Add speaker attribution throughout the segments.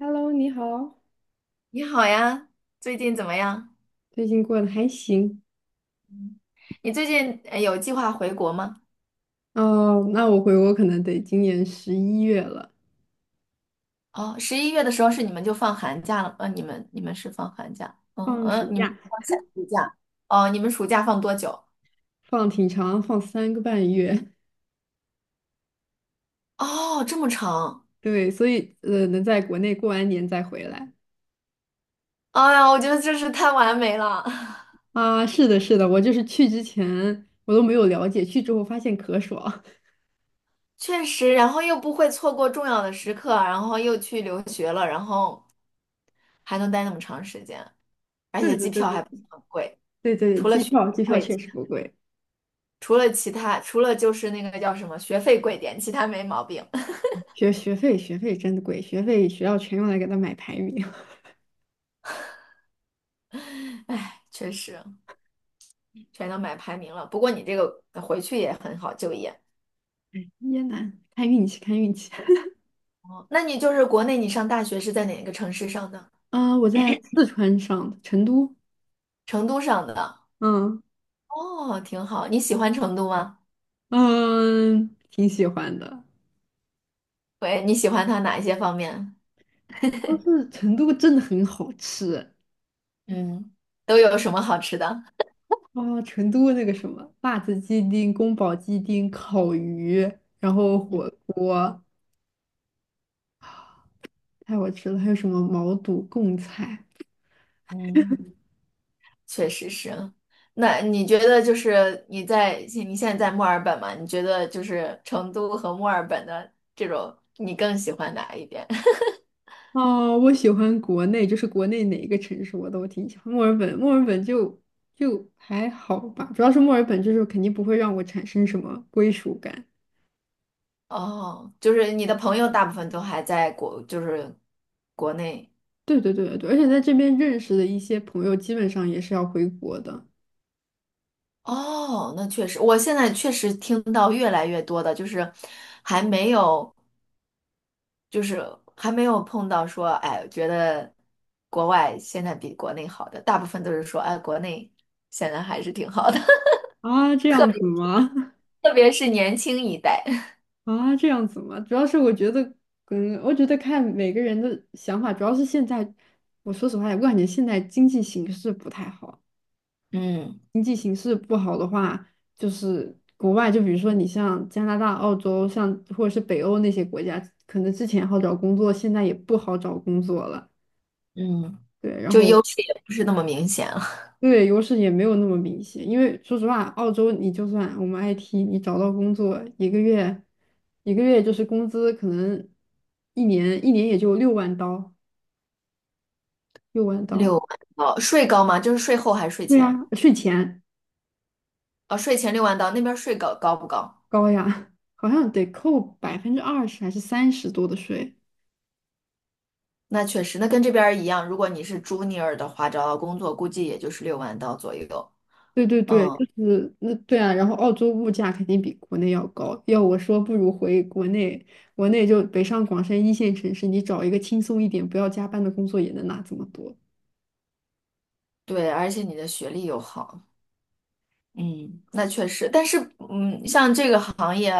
Speaker 1: Hello，你好，
Speaker 2: 你好呀，最近怎么样？
Speaker 1: 最近过得还行？
Speaker 2: 嗯，你最近有计划回国吗？
Speaker 1: 哦，那我回国可能得今年11月了，
Speaker 2: 哦，11月的时候是你们就放寒假了，你们是放寒假，嗯
Speaker 1: 放
Speaker 2: 嗯，
Speaker 1: 暑
Speaker 2: 你们
Speaker 1: 假，
Speaker 2: 放夏暑假，哦，你们暑假放多久？
Speaker 1: 放挺长，放3个半月。
Speaker 2: 哦，这么长，
Speaker 1: 对，所以能在国内过完年再回来。
Speaker 2: 哎呀，我觉得真是太完美了，
Speaker 1: 啊？是的，是的，我就是去之前我都没有了解，去之后发现可爽。
Speaker 2: 确实，然后又不会错过重要的时刻，然后又去留学了，然后还能待那么长时间，而
Speaker 1: 对
Speaker 2: 且
Speaker 1: 对
Speaker 2: 机
Speaker 1: 对
Speaker 2: 票还不
Speaker 1: 对
Speaker 2: 是很贵，
Speaker 1: 对对，
Speaker 2: 除了
Speaker 1: 机
Speaker 2: 学
Speaker 1: 票
Speaker 2: 费
Speaker 1: 机票
Speaker 2: 贵。
Speaker 1: 确实不贵，
Speaker 2: 除了其他，除了就是那个叫什么学费贵点，其他没毛病。
Speaker 1: 学费真的贵，学费学校全用来给他买排名。
Speaker 2: 唉，确实全都买排名了。不过你这个回去也很好就业。
Speaker 1: 椰南，看运气看运气。
Speaker 2: 哦那你就是国内你上大学是在哪个城市上的？
Speaker 1: 啊、我在四川上的成都，
Speaker 2: 成都上的。
Speaker 1: 嗯。
Speaker 2: 哦，挺好。你喜欢成都吗？
Speaker 1: 嗯，挺喜欢的。
Speaker 2: 喂，你喜欢它哪一些方面？
Speaker 1: 但是成都真的很好吃。
Speaker 2: 嗯，都有什么好吃的？
Speaker 1: 啊，成都那个什么辣子鸡丁、宫保鸡丁、烤鱼，然后
Speaker 2: 嗯
Speaker 1: 火锅太好吃了，还有什么毛肚、贡菜。
Speaker 2: 嗯。确实是。那你觉得就是你在你现在在墨尔本嘛？你觉得就是成都和墨尔本的这种，你更喜欢哪一边？
Speaker 1: 啊？我喜欢国内，就是国内哪一个城市我都挺喜欢。墨尔本就还好吧，主要是墨尔本就是肯定不会让我产生什么归属感。
Speaker 2: 哦，就是你的朋友大部分都还在国，就是国内。
Speaker 1: 对对对对对，而且在这边认识的一些朋友，基本上也是要回国的。
Speaker 2: 哦，那确实，我现在确实听到越来越多的，就是还没有，就是还没有碰到说，哎，觉得国外现在比国内好的，大部分都是说，哎，国内现在还是挺好的。
Speaker 1: 啊，这样子吗？
Speaker 2: 特别是年轻一代，
Speaker 1: 啊，这样子吗？主要是我觉得，嗯，我觉得看每个人的想法，主要是现在，我说实话，我感觉现在经济形势不太好。
Speaker 2: 嗯
Speaker 1: 经济形势不好的话，就是国外，就比如说你像加拿大、澳洲，像或者是北欧那些国家，可能之前好找工作，现在也不好找工作了。
Speaker 2: 嗯，
Speaker 1: 对，然
Speaker 2: 就优
Speaker 1: 后
Speaker 2: 势也不是那么明显了。
Speaker 1: 对，优势也没有那么明显，因为说实话，澳洲你就算我们 IT，你找到工作一个月就是工资可能一年也就六万刀，六万刀，
Speaker 2: 六万刀，税高吗？就是税后还是税
Speaker 1: 对呀，
Speaker 2: 前？
Speaker 1: 税前
Speaker 2: 哦，税前六万刀，那边税高不高？
Speaker 1: 高呀，好像得扣20%还是三十多的税。
Speaker 2: 那确实，那跟这边儿一样。如果你是 junior 的话，找到工作估计也就是六万刀左右。
Speaker 1: 对对对，
Speaker 2: 嗯，
Speaker 1: 就是那对啊，然后澳洲物价肯定比国内要高，要我说不如回国内，国内就北上广深一线城市，你找一个轻松一点、不要加班的工作也能拿这么多。
Speaker 2: 对，而且你的学历又好，嗯，那确实。但是，嗯，像这个行业，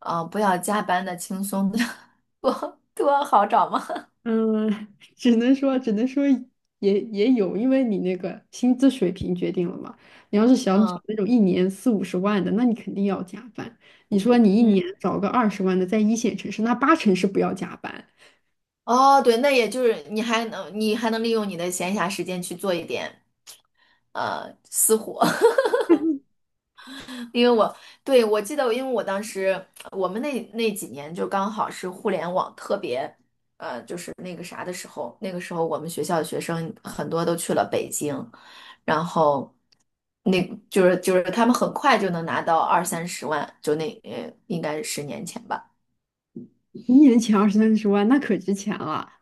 Speaker 2: 啊、不要加班的，轻松的 多好找吗？
Speaker 1: 嗯，只能说也有，因为你那个薪资水平决定了嘛。你要是想找
Speaker 2: 嗯
Speaker 1: 那种一年四五十万的，那你肯定要加班。你说你一年
Speaker 2: 嗯。
Speaker 1: 找个20万的，在一线城市，那八成是不要加班。
Speaker 2: 哦，对，那也就是你还能利用你的闲暇时间去做一点私活，因为我对我记得，因为我当时我们那几年就刚好是互联网特别就是那个啥的时候，那个时候我们学校的学生很多都去了北京，然后那就是他们很快就能拿到二三十万，就那应该是10年前吧。
Speaker 1: 一年前二三十万，那可值钱了。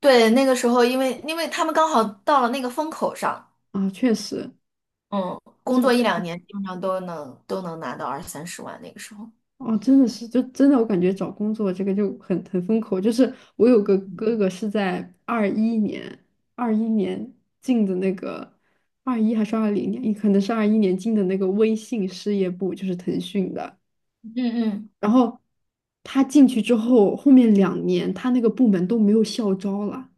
Speaker 2: 对，那个时候因为他们刚好到了那个风口上。
Speaker 1: 啊！确实，
Speaker 2: 嗯，工作一
Speaker 1: 这。
Speaker 2: 两年，基本上都能拿到二三十万那个时候。
Speaker 1: 哦，真的是，就真的，我感觉找工作这个就很风口。就是我有个哥哥是在二一年，二一年进的那个，二一还是二零年，也可能是二一年进的那个微信事业部，就是腾讯的。
Speaker 2: 嗯嗯，
Speaker 1: 然后他进去之后，后面2年他那个部门都没有校招了。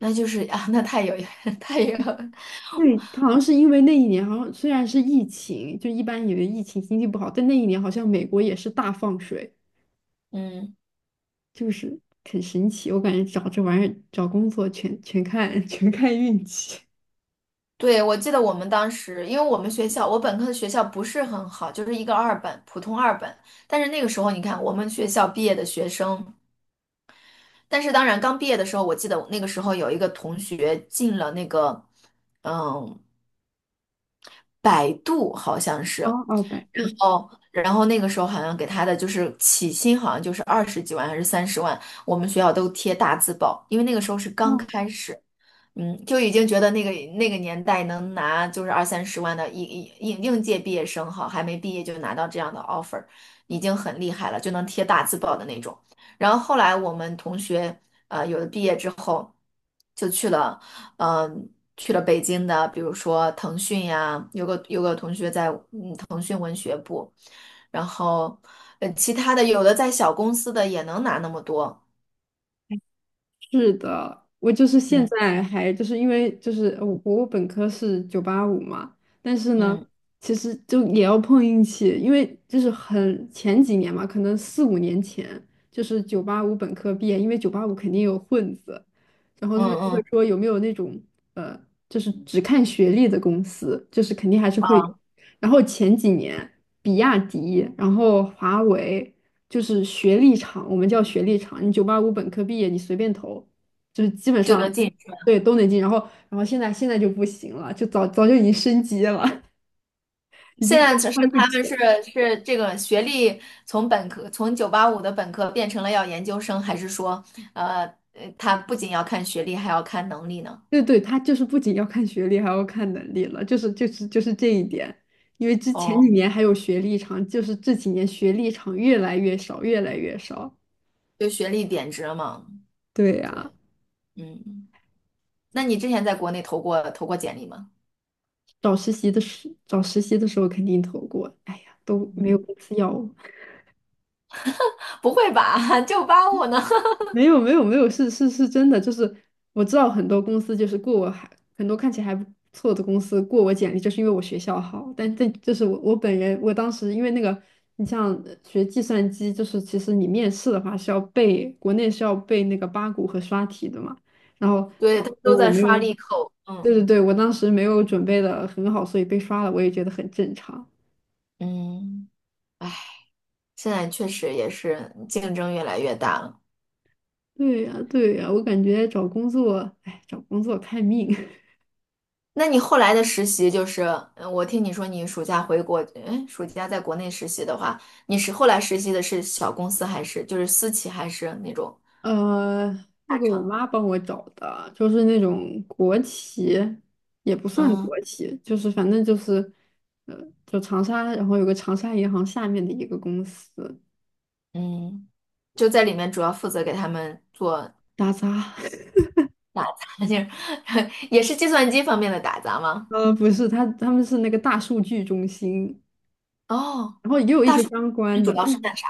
Speaker 2: 那就是啊，那太有 太有，
Speaker 1: 对，他好像是因为那一年，好像虽然是疫情，就一般以为疫情经济不好，但那一年好像美国也是大放水。
Speaker 2: 嗯，
Speaker 1: 就是很神奇。我感觉找这玩意儿找工作全看 全看运气。
Speaker 2: 对，我记得我们当时，因为我们学校，我本科的学校不是很好，就是一个二本，普通二本。但是那个时候，你看我们学校毕业的学生，但是当然刚毕业的时候，我记得那个时候有一个同学进了那个，嗯，百度好像是。
Speaker 1: 哦哦，百
Speaker 2: 然
Speaker 1: 度。
Speaker 2: 后，那个时候好像给他的就是起薪，好像就是20几万还是三十万，我们学校都贴大字报，因为那个时候是刚
Speaker 1: 哦，
Speaker 2: 开始，嗯，就已经觉得那个年代能拿就是二三十万的应届毕业生哈，还没毕业就拿到这样的 offer，已经很厉害了，就能贴大字报的那种。然后后来我们同学有的毕业之后就去了，嗯、去了北京的，比如说腾讯呀，有个同学在。然后，其他的有的在小公司的也能拿那么多，
Speaker 1: 是的，我就是现
Speaker 2: 嗯
Speaker 1: 在还就是因为就是我本科是九八五嘛，但是呢，
Speaker 2: 嗯
Speaker 1: 其实就也要碰运气，因为就是很前几年嘛，可能四五年前就是九八五本科毕业，因为九八五肯定有混子，然后他
Speaker 2: 嗯
Speaker 1: 们就会
Speaker 2: 嗯，
Speaker 1: 说有没有那种呃，就是只看学历的公司，就是肯定还是会有。
Speaker 2: 啊，
Speaker 1: 然后前几年，比亚迪，然后华为，就是学历厂，我们叫学历厂，你九八五本科毕业，你随便投，就是基本
Speaker 2: 就能
Speaker 1: 上，
Speaker 2: 进去。
Speaker 1: 对，都能进。然后现在就不行了，就早早就已经升级了，已
Speaker 2: 现
Speaker 1: 经
Speaker 2: 在
Speaker 1: 高
Speaker 2: 只是
Speaker 1: 攀不
Speaker 2: 他
Speaker 1: 起
Speaker 2: 们是
Speaker 1: 了。
Speaker 2: 是这个学历从本科从九八五的本科变成了要研究生，还是说，呃，他不仅要看学历，还要看能力呢？
Speaker 1: 对对，他就是不仅要看学历，还要看能力了，就是这一点。因为之前
Speaker 2: 哦，
Speaker 1: 几年还有学历厂，就是这几年学历厂越来越少，越来越少。
Speaker 2: 就学历贬值了嘛？
Speaker 1: 对呀、
Speaker 2: 对，嗯，那你之前在国内投过简历吗？
Speaker 1: 找实习的时候肯定投过，哎呀，都没有
Speaker 2: 嗯，
Speaker 1: 公司要我。
Speaker 2: 不会吧，九八五呢？
Speaker 1: 没有没有没有，是是是真的，就是我知道很多公司就是过我还很多看起来还不错的公司过我简历，就是因为我学校好。但这就是我本人，我当时因为那个，你像学计算机，就是其实你面试的话是要背，国内是要背那个八股和刷题的嘛。然后
Speaker 2: 对，
Speaker 1: 当
Speaker 2: 他们
Speaker 1: 时
Speaker 2: 都
Speaker 1: 我
Speaker 2: 在
Speaker 1: 没
Speaker 2: 刷
Speaker 1: 有，
Speaker 2: 利扣，
Speaker 1: 对
Speaker 2: 嗯。
Speaker 1: 对对，我当时没有准备的很好，所以被刷了，我也觉得很正常。
Speaker 2: 嗯，唉。现在确实也是竞争越来越大了。
Speaker 1: 对呀，对呀，我感觉找工作，哎，找工作看命。
Speaker 2: 那你后来的实习就是，嗯我听你说你暑假回国，哎，暑假在国内实习的话，你是后来实习的是小公司还是就是私企还是那种
Speaker 1: 呃，那
Speaker 2: 大
Speaker 1: 个我
Speaker 2: 厂？
Speaker 1: 妈帮我找的，就是那种国企，也不算
Speaker 2: 嗯
Speaker 1: 国企，就是反正就是，呃，就长沙，然后有个长沙银行下面的一个公司，
Speaker 2: 嗯，就在里面主要负责给他们做
Speaker 1: 打杂。
Speaker 2: 打杂，就是 也是计算机方面的打杂吗？
Speaker 1: 不是，他们是那个大数据中心，
Speaker 2: 哦，
Speaker 1: 然后也有一些相
Speaker 2: 那
Speaker 1: 关
Speaker 2: 主
Speaker 1: 的，
Speaker 2: 要
Speaker 1: 但
Speaker 2: 是干啥？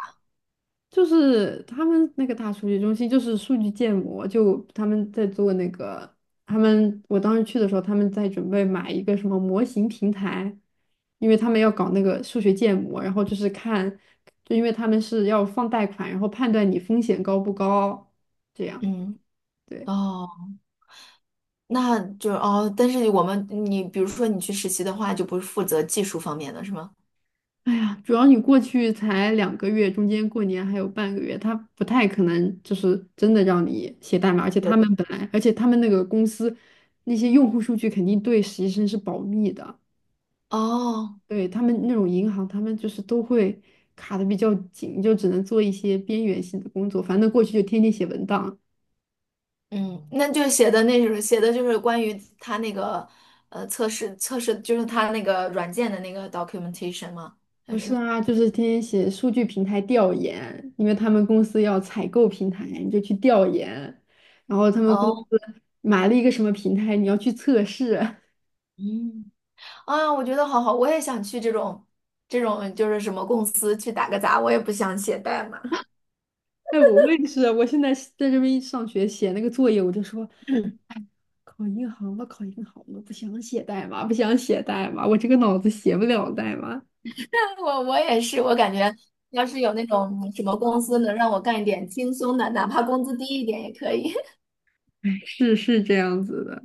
Speaker 1: 就是他们那个大数据中心就是数据建模，就他们在做那个，他们我当时去的时候，他们在准备买一个什么模型平台，因为他们要搞那个数学建模，然后就是看，就因为他们是要放贷款，然后判断你风险高不高，这样。
Speaker 2: 嗯，
Speaker 1: 对。
Speaker 2: 哦，那就是哦，但是我们你比如说你去实习的话，就不是负责技术方面的是吗？
Speaker 1: 哎呀，主要你过去才2个月，中间过年还有半个月，他不太可能就是真的让你写代码，而且他
Speaker 2: 对。
Speaker 1: 们本来，而且他们那个公司那些用户数据肯定对实习生是保密的，
Speaker 2: 哦，
Speaker 1: 对他们那种银行，他们就是都会卡的比较紧，就只能做一些边缘性的工作，反正过去就天天写文档。
Speaker 2: 嗯，那就写的那种，写的就是关于他那个测试，就是他那个软件的那个 documentation 吗？还
Speaker 1: 不是
Speaker 2: 是
Speaker 1: 啊，就是天天写数据平台调研，因为他们公司要采购平台，你就去调研，然后他们公司
Speaker 2: 哦，
Speaker 1: 买了一个什么平台，你要去测试。
Speaker 2: 嗯，啊，我觉得好好，我也想去这种就是什么公司去打个杂，我也不想写代码。
Speaker 1: 哎，我也是，我现在是在这边一上学写那个作业，我就说 考银行吧，考银行吧，不想写代码，不想写代码，我这个脑子写不了代码。
Speaker 2: 我也是，我感觉要是有那种什么公司能让我干一点轻松的，哪怕工资低一点也可以。
Speaker 1: 哎，是是这样子的。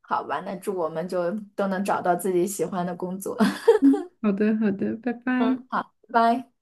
Speaker 2: 好吧，那祝我们就都能找到自己喜欢的工作。
Speaker 1: 嗯，好的好的，拜拜。
Speaker 2: 嗯，好，拜拜。